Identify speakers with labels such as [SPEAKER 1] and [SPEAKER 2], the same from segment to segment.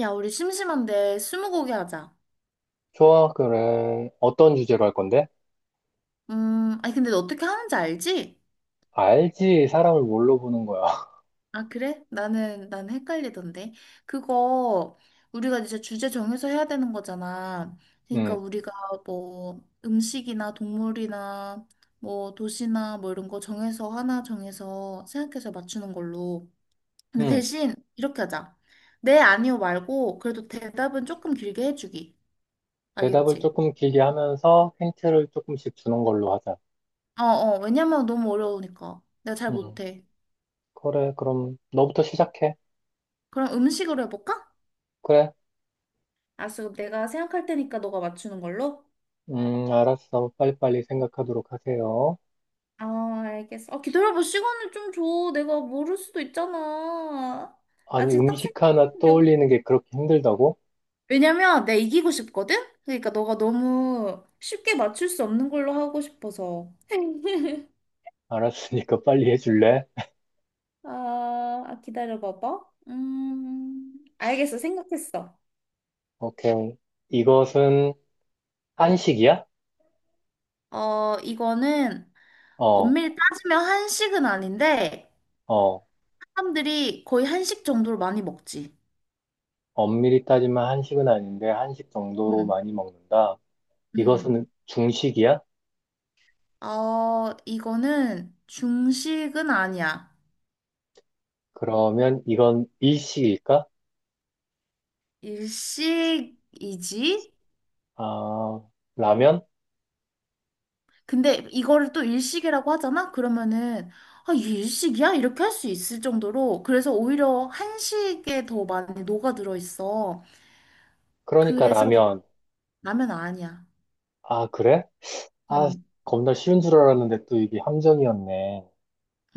[SPEAKER 1] 야, 우리 심심한데 스무고개 하자.
[SPEAKER 2] 좋아, 그래. 어떤 주제로 할 건데?
[SPEAKER 1] 아니 근데 너 어떻게 하는지 알지?
[SPEAKER 2] 알지, 사람을 뭘로 보는 거야.
[SPEAKER 1] 아, 그래? 나는 헷갈리던데. 그거 우리가 이제 주제 정해서 해야 되는 거잖아. 그러니까
[SPEAKER 2] 음,
[SPEAKER 1] 우리가 뭐 음식이나 동물이나 뭐 도시나 뭐 이런 거 정해서 하나 정해서 생각해서 맞추는 걸로. 근데
[SPEAKER 2] 음.
[SPEAKER 1] 대신 이렇게 하자. 네, 아니요 말고 그래도 대답은 조금 길게 해주기.
[SPEAKER 2] 대답을
[SPEAKER 1] 알겠지?
[SPEAKER 2] 조금 길게 하면서 힌트를 조금씩 주는 걸로 하자.
[SPEAKER 1] 어어, 왜냐면 너무 어려우니까. 내가 잘
[SPEAKER 2] 음,
[SPEAKER 1] 못해.
[SPEAKER 2] 그래, 그럼 너부터 시작해.
[SPEAKER 1] 그럼 음식으로 해볼까?
[SPEAKER 2] 그래,
[SPEAKER 1] 알았어. 그럼 내가 생각할 테니까 너가 맞추는 걸로?
[SPEAKER 2] 알았어. 빨리빨리 생각하도록 하세요.
[SPEAKER 1] 아, 알겠어. 아, 기다려봐. 시간을 좀 줘. 내가 모를 수도 있잖아.
[SPEAKER 2] 아니,
[SPEAKER 1] 아직 딱
[SPEAKER 2] 음식 하나
[SPEAKER 1] 생각나는 게 없-
[SPEAKER 2] 떠올리는 게 그렇게 힘들다고?
[SPEAKER 1] 왜냐면 내가 이기고 싶거든? 그러니까 너가 너무 쉽게 맞출 수 없는 걸로 하고 싶어서.
[SPEAKER 2] 알았으니까 빨리 해줄래?
[SPEAKER 1] 기다려봐봐. 알겠어. 생각했어.
[SPEAKER 2] 오케이. 이것은 한식이야?
[SPEAKER 1] 어, 이거는
[SPEAKER 2] 어,
[SPEAKER 1] 엄밀히 따지면 한식은 아닌데
[SPEAKER 2] 어.
[SPEAKER 1] 사람들이 거의 한식 정도로 많이 먹지.
[SPEAKER 2] 엄밀히 따지면 한식은 아닌데 한식 정도로
[SPEAKER 1] 음.
[SPEAKER 2] 많이 먹는다.
[SPEAKER 1] 음.
[SPEAKER 2] 이것은 중식이야?
[SPEAKER 1] 어, 이거는 중식은 아니야.
[SPEAKER 2] 그러면 이건 일식일까?
[SPEAKER 1] 일식이지?
[SPEAKER 2] 아, 라면?
[SPEAKER 1] 근데 이거를 또 일식이라고 하잖아? 그러면은, 아, 이게 일식이야? 이렇게 할 수 있을 정도로. 그래서 오히려 한식에 더 많이 녹아들어 있어.
[SPEAKER 2] 그러니까
[SPEAKER 1] 그래서
[SPEAKER 2] 라면.
[SPEAKER 1] 라면 아니야.
[SPEAKER 2] 아, 그래? 아,
[SPEAKER 1] 음,
[SPEAKER 2] 겁나 쉬운 줄 알았는데 또 이게 함정이었네.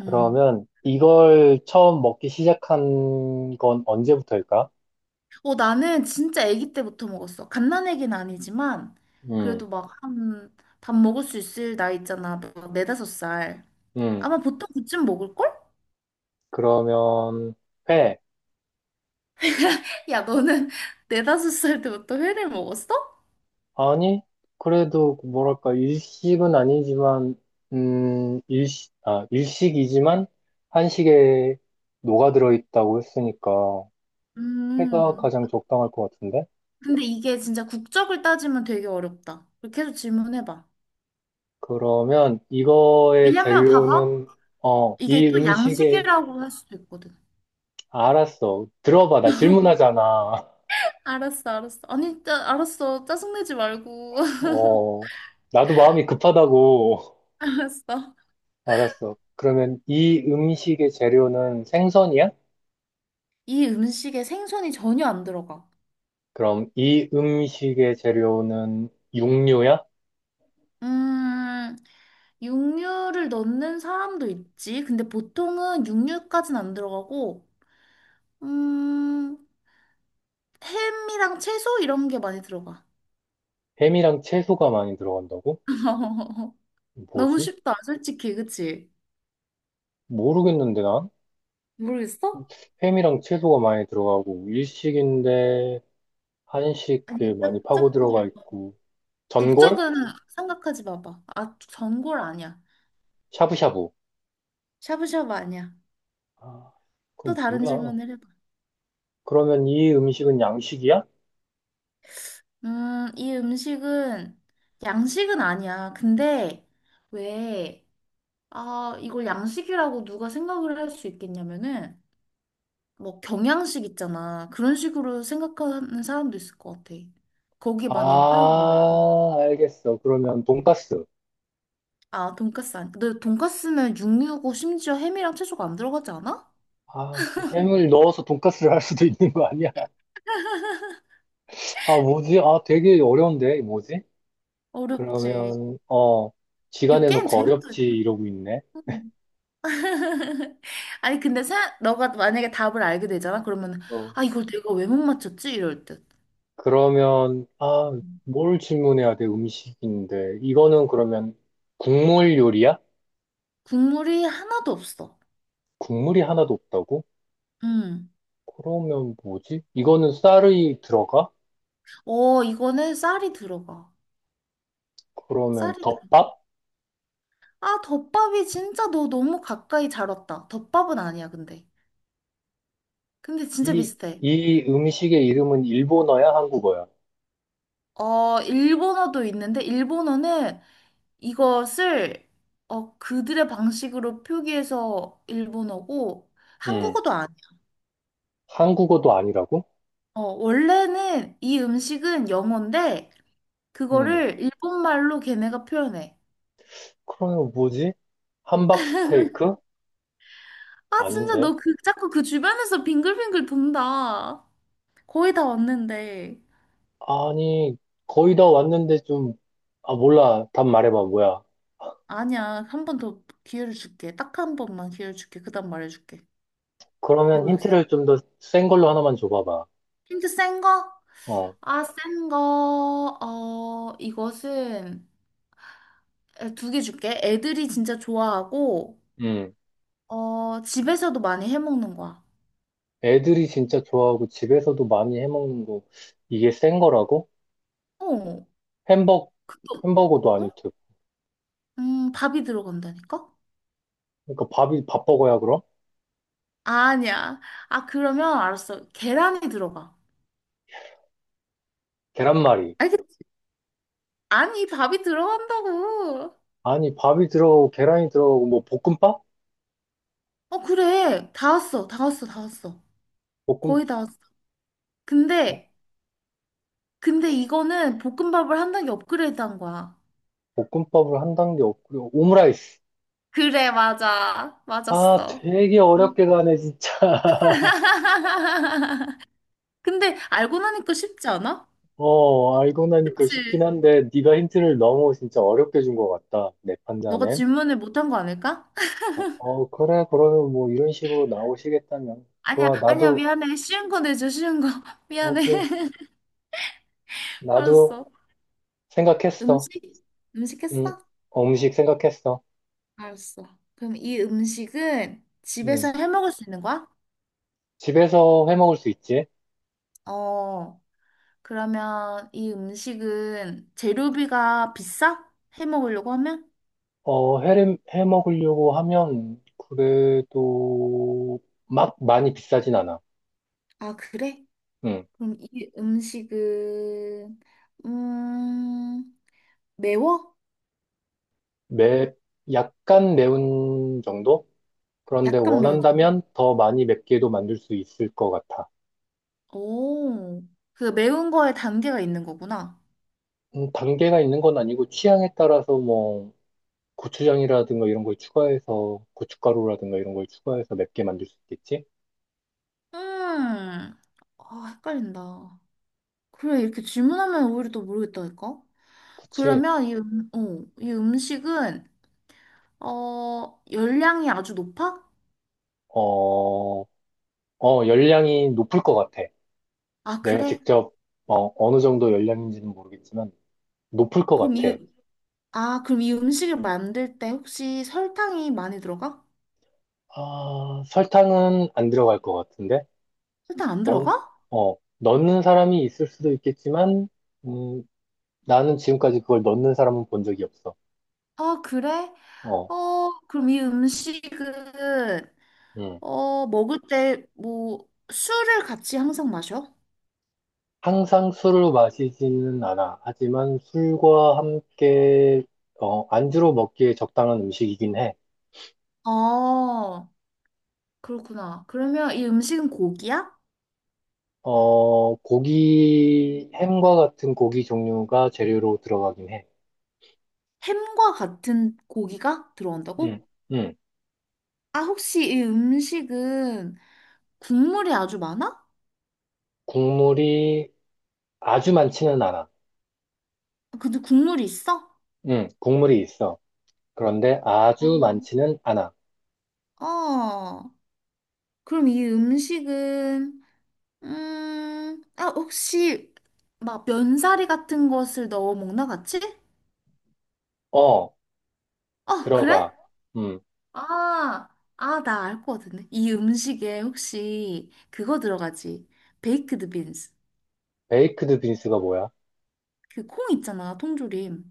[SPEAKER 1] 음.
[SPEAKER 2] 이걸 처음 먹기 시작한 건 언제부터일까?
[SPEAKER 1] 어, 나는 진짜 아기 때부터 먹었어. 갓난애기는 아니지만,
[SPEAKER 2] 음,
[SPEAKER 1] 그래도 막 한, 밥 먹을 수 있을 나이 있잖아. 막 네다섯 살.
[SPEAKER 2] 음.
[SPEAKER 1] 아마 보통 그쯤 먹을걸?
[SPEAKER 2] 그러면 회.
[SPEAKER 1] 야, 너는 네다섯 살 때부터 회를 먹었어?
[SPEAKER 2] 아니, 그래도 뭐랄까 일식은 아니지만 일식이지만 한식에 녹아들어 있다고 했으니까 회가
[SPEAKER 1] 음.
[SPEAKER 2] 가장 적당할 것 같은데?
[SPEAKER 1] 근데 이게 진짜 국적을 따지면 되게 어렵다. 계렇게 해서 질문해봐.
[SPEAKER 2] 그러면 이거의
[SPEAKER 1] 왜냐면 봐봐.
[SPEAKER 2] 재료는, 어,
[SPEAKER 1] 이게
[SPEAKER 2] 이
[SPEAKER 1] 또
[SPEAKER 2] 음식에,
[SPEAKER 1] 양식이라고 할 수도 있거든.
[SPEAKER 2] 알았어. 들어봐. 나 질문하잖아.
[SPEAKER 1] 알았어, 알았어. 아니, 알았어. 짜증내지 말고.
[SPEAKER 2] 어, 나도 마음이 급하다고.
[SPEAKER 1] 알았어.
[SPEAKER 2] 알았어. 그러면 이 음식의 재료는 생선이야?
[SPEAKER 1] 이 음식에 생선이 전혀 안 들어가.
[SPEAKER 2] 그럼 이 음식의 재료는 육류야?
[SPEAKER 1] 음, 육류를 넣는 사람도 있지. 근데 보통은 육류까진 안 들어가고, 음, 햄이랑 채소 이런 게 많이 들어가.
[SPEAKER 2] 햄이랑 채소가 많이 들어간다고?
[SPEAKER 1] 너무
[SPEAKER 2] 뭐지?
[SPEAKER 1] 쉽다, 솔직히, 그치?
[SPEAKER 2] 모르겠는데, 난?
[SPEAKER 1] 모르겠어?
[SPEAKER 2] 햄이랑 채소가 많이 들어가고, 일식인데,
[SPEAKER 1] 아니,
[SPEAKER 2] 한식에
[SPEAKER 1] 짝,
[SPEAKER 2] 많이 파고
[SPEAKER 1] 짝꿍이.
[SPEAKER 2] 들어가
[SPEAKER 1] 어,
[SPEAKER 2] 있고, 전골?
[SPEAKER 1] 국적은 생각하지 마봐. 아, 전골 아니야.
[SPEAKER 2] 샤브샤브.
[SPEAKER 1] 샤브샤브 아니야.
[SPEAKER 2] 아,
[SPEAKER 1] 또
[SPEAKER 2] 그럼
[SPEAKER 1] 다른
[SPEAKER 2] 뭐야?
[SPEAKER 1] 질문을 해봐.
[SPEAKER 2] 그러면 이 음식은 양식이야?
[SPEAKER 1] 이 음식은 양식은 아니야. 근데 왜, 아, 이걸 양식이라고 누가 생각을 할 수 있겠냐면은, 뭐 경양식 있잖아. 그런 식으로 생각하는 사람도 있을 것 같아. 거기 많이 팔고.
[SPEAKER 2] 아, 알겠어. 그러면 돈가스.
[SPEAKER 1] 아, 돈까스 아니. 근데 돈까스는 육류고 심지어 햄이랑 채소가 안 들어가지 않아?
[SPEAKER 2] 아, 햄을 넣어서 돈가스를 할 수도 있는 거 아니야? 아, 뭐지? 아, 되게 어려운데, 뭐지?
[SPEAKER 1] 어렵지.
[SPEAKER 2] 그러면, 어,
[SPEAKER 1] 이
[SPEAKER 2] 지가
[SPEAKER 1] 게임
[SPEAKER 2] 내놓고
[SPEAKER 1] 재밌
[SPEAKER 2] 어렵지,
[SPEAKER 1] 다
[SPEAKER 2] 이러고 있네.
[SPEAKER 1] 아니, 근데 사, 너가 만약에 답을 알게 되잖아? 그러면,
[SPEAKER 2] 어.
[SPEAKER 1] 아, 이걸 내가 왜 못 맞췄지? 이럴 듯.
[SPEAKER 2] 그러면, 아,
[SPEAKER 1] 음.
[SPEAKER 2] 뭘 질문해야 돼, 음식인데. 이거는 그러면 국물 요리야?
[SPEAKER 1] 국물이 하나도 없어.
[SPEAKER 2] 국물이 하나도 없다고?
[SPEAKER 1] 음.
[SPEAKER 2] 그러면 뭐지? 이거는 쌀이 들어가?
[SPEAKER 1] 어, 이거는 쌀이 들어가.
[SPEAKER 2] 그러면
[SPEAKER 1] 쌀이 들어가.
[SPEAKER 2] 덮밥?
[SPEAKER 1] 아, 덮밥이 진짜 너 너무 가까이 잘 왔다. 덮밥은 아니야, 근데. 근데 진짜
[SPEAKER 2] 이,
[SPEAKER 1] 비슷해.
[SPEAKER 2] 이 음식의 이름은 일본어야, 한국어야?
[SPEAKER 1] 어, 일본어도 있는데, 일본어는 이것을 어, 그들의 방식으로 표기해서 일본어고
[SPEAKER 2] 음.
[SPEAKER 1] 한국어도 아니야.
[SPEAKER 2] 한국어도 아니라고?
[SPEAKER 1] 어, 원래는 이 음식은 영어인데
[SPEAKER 2] 음.
[SPEAKER 1] 그거를 일본말로 걔네가 표현해.
[SPEAKER 2] 그러면 뭐지? 함박 스테이크?
[SPEAKER 1] 아, 진짜
[SPEAKER 2] 아닌데.
[SPEAKER 1] 너 그 자꾸 그 주변에서 빙글빙글 돈다. 거의 다 왔는데.
[SPEAKER 2] 아니, 거의 다 왔는데 좀, 아, 몰라. 답 말해봐, 뭐야.
[SPEAKER 1] 아니야. 한 번 더 기회를 줄게. 딱 한 번만 기회를 줄게. 그다음 말해줄게.
[SPEAKER 2] 그러면
[SPEAKER 1] 모르겠어.
[SPEAKER 2] 힌트를 좀 더 센 걸로 하나만 줘봐봐.
[SPEAKER 1] 힌트 센 거?
[SPEAKER 2] 어,
[SPEAKER 1] 아, 센 거. 어, 이것은 두 개 줄게. 애들이 진짜 좋아하고,
[SPEAKER 2] 음.
[SPEAKER 1] 어, 집에서도 많이 해 먹는 거야.
[SPEAKER 2] 애들이 진짜 좋아하고 집에서도 많이 해먹는 거, 이게 센 거라고?
[SPEAKER 1] 어,
[SPEAKER 2] 햄버거, 햄버거도
[SPEAKER 1] 너-
[SPEAKER 2] 아닐
[SPEAKER 1] 어?
[SPEAKER 2] 테고.
[SPEAKER 1] 밥이 들어간다니까?
[SPEAKER 2] 그러니까 밥이, 밥버거야, 그럼?
[SPEAKER 1] 아니야. 아, 그러면 알았어. 계란이 들어가.
[SPEAKER 2] 계란말이.
[SPEAKER 1] 아니, 그- 아니, 밥이 들어간다고.
[SPEAKER 2] 아니, 밥이 들어가고, 계란이 들어가고, 뭐, 볶음밥?
[SPEAKER 1] 어, 그래. 다 왔어. 다 왔어. 다 왔어.
[SPEAKER 2] 볶음,
[SPEAKER 1] 거의 다 왔어. 근데, 근데 이거는 볶음밥을 한 단계 업그레이드 한 거야.
[SPEAKER 2] 볶음밥을 한 단계 없고요. 오므라이스.
[SPEAKER 1] 그래, 맞아.
[SPEAKER 2] 아,
[SPEAKER 1] 맞았어.
[SPEAKER 2] 되게
[SPEAKER 1] 응.
[SPEAKER 2] 어렵게 가네, 진짜.
[SPEAKER 1] 근데 알고 나니까 쉽지 않아?
[SPEAKER 2] 어, 알고 나니까 쉽긴
[SPEAKER 1] 그치?
[SPEAKER 2] 한데, 네가 힌트를 너무 진짜 어렵게 준 것 같다. 내
[SPEAKER 1] 너가
[SPEAKER 2] 판단엔.
[SPEAKER 1] 질문을 못한 거 아닐까?
[SPEAKER 2] 그래, 그러면 뭐, 이런 식으로 나오시겠다면.
[SPEAKER 1] 아니야,
[SPEAKER 2] 좋아,
[SPEAKER 1] 아니야,
[SPEAKER 2] 나도,
[SPEAKER 1] 미안해. 쉬운 거 내줘, 쉬운 거. 미안해.
[SPEAKER 2] 오케이. 나도
[SPEAKER 1] 알았어.
[SPEAKER 2] 생각했어.
[SPEAKER 1] 음식? 음식 했어?
[SPEAKER 2] 음, 음식 생각했어.
[SPEAKER 1] 알았어. 그럼 이 음식은
[SPEAKER 2] 음,
[SPEAKER 1] 집에서 해 먹을 수 있는 거야?
[SPEAKER 2] 집에서 해 먹을 수 있지?
[SPEAKER 1] 어, 그러면 이 음식은 재료비가 비싸? 해 먹으려고 하면?
[SPEAKER 2] 어, 해 먹으려고 하면 그래도 막 많이 비싸진 않아.
[SPEAKER 1] 아, 그래?
[SPEAKER 2] 응.
[SPEAKER 1] 그럼 이 음식은, 음, 매워?
[SPEAKER 2] 매, 약간 매운 정도? 그런데
[SPEAKER 1] 약간 매운. 정도.
[SPEAKER 2] 원한다면 더 많이 맵게도 만들 수 있을 것 같아.
[SPEAKER 1] 오, 그 매운 거에 단계가 있는 거구나.
[SPEAKER 2] 단계가 있는 건 아니고 취향에 따라서 뭐 고추장이라든가 이런 걸 추가해서 고춧가루라든가 이런 걸 추가해서 맵게 만들 수 있겠지?
[SPEAKER 1] 음, 아, 헷갈린다. 그래, 이렇게 질문하면 오히려 또 모르겠다니까?
[SPEAKER 2] 그치?
[SPEAKER 1] 그러면 이, 어, 이 음식은, 어, 열량이 아주 높아?
[SPEAKER 2] 어, 열량이 높을 것 같아.
[SPEAKER 1] 아,
[SPEAKER 2] 내가
[SPEAKER 1] 그래?
[SPEAKER 2] 직접 어, 어느 정도 열량인지는 모르겠지만 높을 것
[SPEAKER 1] 그럼
[SPEAKER 2] 같아.
[SPEAKER 1] 이, 아, 그럼 이 음식을 만들 때 혹시 설탕이 많이 들어가?
[SPEAKER 2] 아, 설탕은 안 들어갈 것 같은데?
[SPEAKER 1] 설탕 안
[SPEAKER 2] 넣,
[SPEAKER 1] 들어가?
[SPEAKER 2] 어, 넣는 사람이 있을 수도 있겠지만, 음, 나는 지금까지 그걸 넣는 사람은 본 적이 없어.
[SPEAKER 1] 아, 그래?
[SPEAKER 2] 어,
[SPEAKER 1] 어, 그럼 이 음식은,
[SPEAKER 2] 음.
[SPEAKER 1] 어, 먹을 때 뭐, 술을 같이 항상 마셔?
[SPEAKER 2] 항상 술을 마시지는 않아. 하지만 술과 함께, 어, 안주로 먹기에 적당한 음식이긴 해.
[SPEAKER 1] 아, 그렇구나. 그러면 이 음식은 고기야?
[SPEAKER 2] 어, 고기, 햄과 같은 고기 종류가 재료로 들어가긴 해.
[SPEAKER 1] 햄과 같은 고기가
[SPEAKER 2] 음,
[SPEAKER 1] 들어온다고?
[SPEAKER 2] 음.
[SPEAKER 1] 아, 혹시 이 음식은 국물이 아주 많아?
[SPEAKER 2] 국물이 아주 많지는 않아.
[SPEAKER 1] 아, 근데 국물이 있어?
[SPEAKER 2] 국물이 있어. 그런데 아주 많지는 않아.
[SPEAKER 1] 어, 그럼 이 음식은, 아, 혹시, 막, 면사리 같은 것을 넣어 먹나, 같이?
[SPEAKER 2] 어,
[SPEAKER 1] 어, 그래?
[SPEAKER 2] 들어가. 음,
[SPEAKER 1] 아, 아, 나 알 것 같은데. 이 음식에 혹시 그거 들어가지? 베이크드 빈스.
[SPEAKER 2] 베이크드 빈스가 뭐야?
[SPEAKER 1] 그 콩 있잖아, 통조림.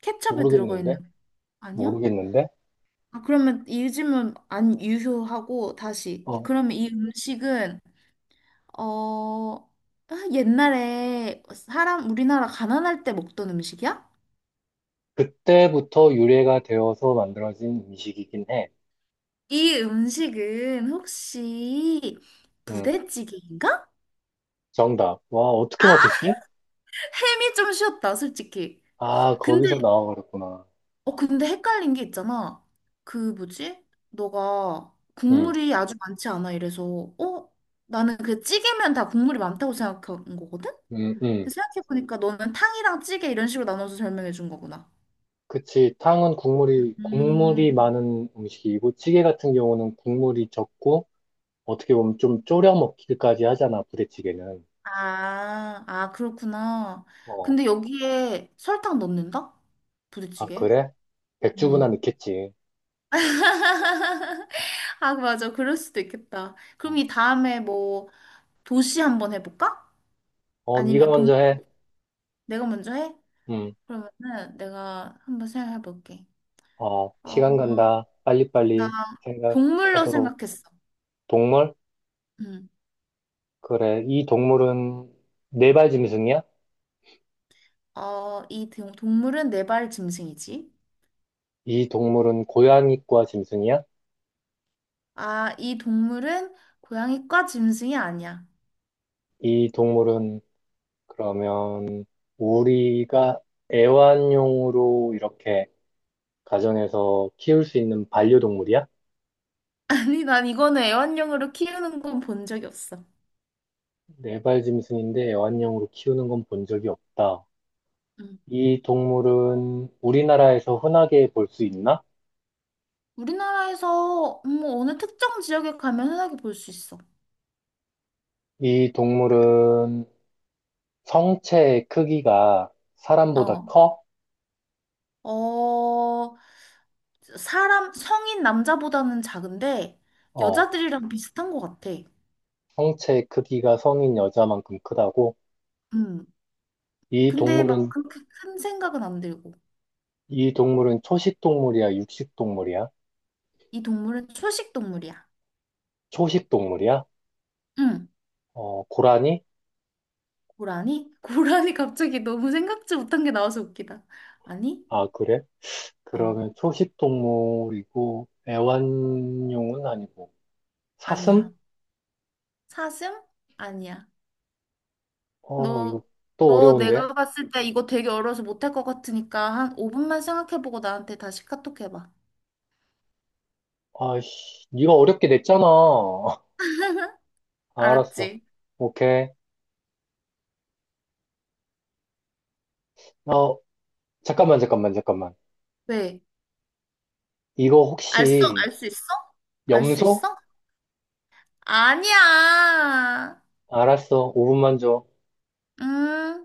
[SPEAKER 1] 케첩에 들어가 있는
[SPEAKER 2] 모르겠는데?
[SPEAKER 1] 거 아니야?
[SPEAKER 2] 모르겠는데?
[SPEAKER 1] 아, 그러면 요즘은 안 유효하고 다시
[SPEAKER 2] 어,
[SPEAKER 1] 그러면 이 음식은 어 옛날에 사람 우리나라 가난할 때 먹던 음식이야?
[SPEAKER 2] 그때부터 유래가 되어서 만들어진 음식이긴 해.
[SPEAKER 1] 이 음식은 혹시
[SPEAKER 2] 음,
[SPEAKER 1] 부대찌개인가?
[SPEAKER 2] 정답. 와, 어떻게
[SPEAKER 1] 아,
[SPEAKER 2] 맞췄지?
[SPEAKER 1] 햄이 좀 쉬웠다, 솔직히.
[SPEAKER 2] 아,
[SPEAKER 1] 근데
[SPEAKER 2] 거기서 나와버렸구나.
[SPEAKER 1] 근데 헷갈린 게 있잖아. 그 뭐지? 너가
[SPEAKER 2] 음,
[SPEAKER 1] 국물이 아주 많지 않아 이래서 나는 그 찌개면 다 국물이 많다고 생각한 거거든.
[SPEAKER 2] 음, 음.
[SPEAKER 1] 생각해보니까 너는 탕이랑 찌개 이런 식으로 나눠서 설명해 준 거구나.
[SPEAKER 2] 그치. 탕은
[SPEAKER 1] 음,
[SPEAKER 2] 국물이 많은 음식이고, 찌개 같은 경우는 국물이 적고, 어떻게 보면 좀 졸여 먹기까지 하잖아, 부대찌개는.
[SPEAKER 1] 아, 아, 그렇구나.
[SPEAKER 2] 어,
[SPEAKER 1] 근데 여기에 설탕 넣는다?
[SPEAKER 2] 아,
[SPEAKER 1] 부대찌개?
[SPEAKER 2] 그래? 백주부나
[SPEAKER 1] 오.
[SPEAKER 2] 넣겠지.
[SPEAKER 1] 아, 맞아. 그럴 수도 있겠다.
[SPEAKER 2] 어,
[SPEAKER 1] 그럼 이 다음에 뭐 도시 한번 해볼까?
[SPEAKER 2] 네가
[SPEAKER 1] 아니면 동,
[SPEAKER 2] 먼저 해.
[SPEAKER 1] 내가 먼저 해?
[SPEAKER 2] 음,
[SPEAKER 1] 그러면은 내가 한번 생각해 볼게.
[SPEAKER 2] 어,
[SPEAKER 1] 어,
[SPEAKER 2] 시간 간다.
[SPEAKER 1] 나
[SPEAKER 2] 빨리빨리
[SPEAKER 1] 동물로
[SPEAKER 2] 생각하도록.
[SPEAKER 1] 생각했어.
[SPEAKER 2] 동물?
[SPEAKER 1] 음.
[SPEAKER 2] 그래. 이 동물은 네발 짐승이야?
[SPEAKER 1] 어, 이 동물은 네발 짐승이지.
[SPEAKER 2] 이 동물은 고양이과 짐승이야?
[SPEAKER 1] 아, 이 동물은 고양이과 짐승이 아니야.
[SPEAKER 2] 이 동물은 그러면 우리가 애완용으로 이렇게 가정에서 키울 수 있는 반려동물이야?
[SPEAKER 1] 아니, 난 이거는 애완용으로 키우는 건 본 적이 없어.
[SPEAKER 2] 네발 짐승인데 애완용으로 키우는 건 본 적이 없다.
[SPEAKER 1] 응.
[SPEAKER 2] 이 동물은 우리나라에서 흔하게 볼 수 있나?
[SPEAKER 1] 우리나라에서 뭐 어느 특정 지역에 가면 흔하게 볼 수 있어.
[SPEAKER 2] 이 동물은 성체의 크기가 사람보다
[SPEAKER 1] 어.
[SPEAKER 2] 커?
[SPEAKER 1] 어, 사람, 성인 남자보다는 작은데
[SPEAKER 2] 어,
[SPEAKER 1] 여자들이랑 비슷한 것 같아.
[SPEAKER 2] 성체의 크기가 성인 여자만큼 크다고?
[SPEAKER 1] 음.
[SPEAKER 2] 이
[SPEAKER 1] 근데 막
[SPEAKER 2] 동물은,
[SPEAKER 1] 그렇게 큰 생각은 안 들고.
[SPEAKER 2] 이 동물은 초식 동물이야, 육식 동물이야?
[SPEAKER 1] 이 동물은 초식 동물이야.
[SPEAKER 2] 초식 동물이야?
[SPEAKER 1] 응.
[SPEAKER 2] 어, 고라니?
[SPEAKER 1] 고라니? 고라니 갑자기 너무 생각지 못한 게 나와서 웃기다. 아니?
[SPEAKER 2] 아, 그래?
[SPEAKER 1] 어,
[SPEAKER 2] 그러면 초식 동물이고, 애완용은 아니고, 사슴?
[SPEAKER 1] 아니야. 사슴? 아니야.
[SPEAKER 2] 어, 이거
[SPEAKER 1] 너,
[SPEAKER 2] 또
[SPEAKER 1] 너
[SPEAKER 2] 어려운데?
[SPEAKER 1] 내가 봤을 때 이거 되게 어려워서 못 할 것 같으니까 한 5분만 생각해보고 나한테 다시 카톡 해봐.
[SPEAKER 2] 아이씨, 네가 어렵게 냈잖아. 아, 알았어.
[SPEAKER 1] 알았지?
[SPEAKER 2] 오케이. 어, 잠깐만, 잠깐만, 잠깐만.
[SPEAKER 1] 왜?
[SPEAKER 2] 이거
[SPEAKER 1] 알 수,
[SPEAKER 2] 혹시
[SPEAKER 1] 알 수 있어? 알 수
[SPEAKER 2] 염소?
[SPEAKER 1] 있어? 아니야.
[SPEAKER 2] 알았어. 5분만 줘.
[SPEAKER 1] 음.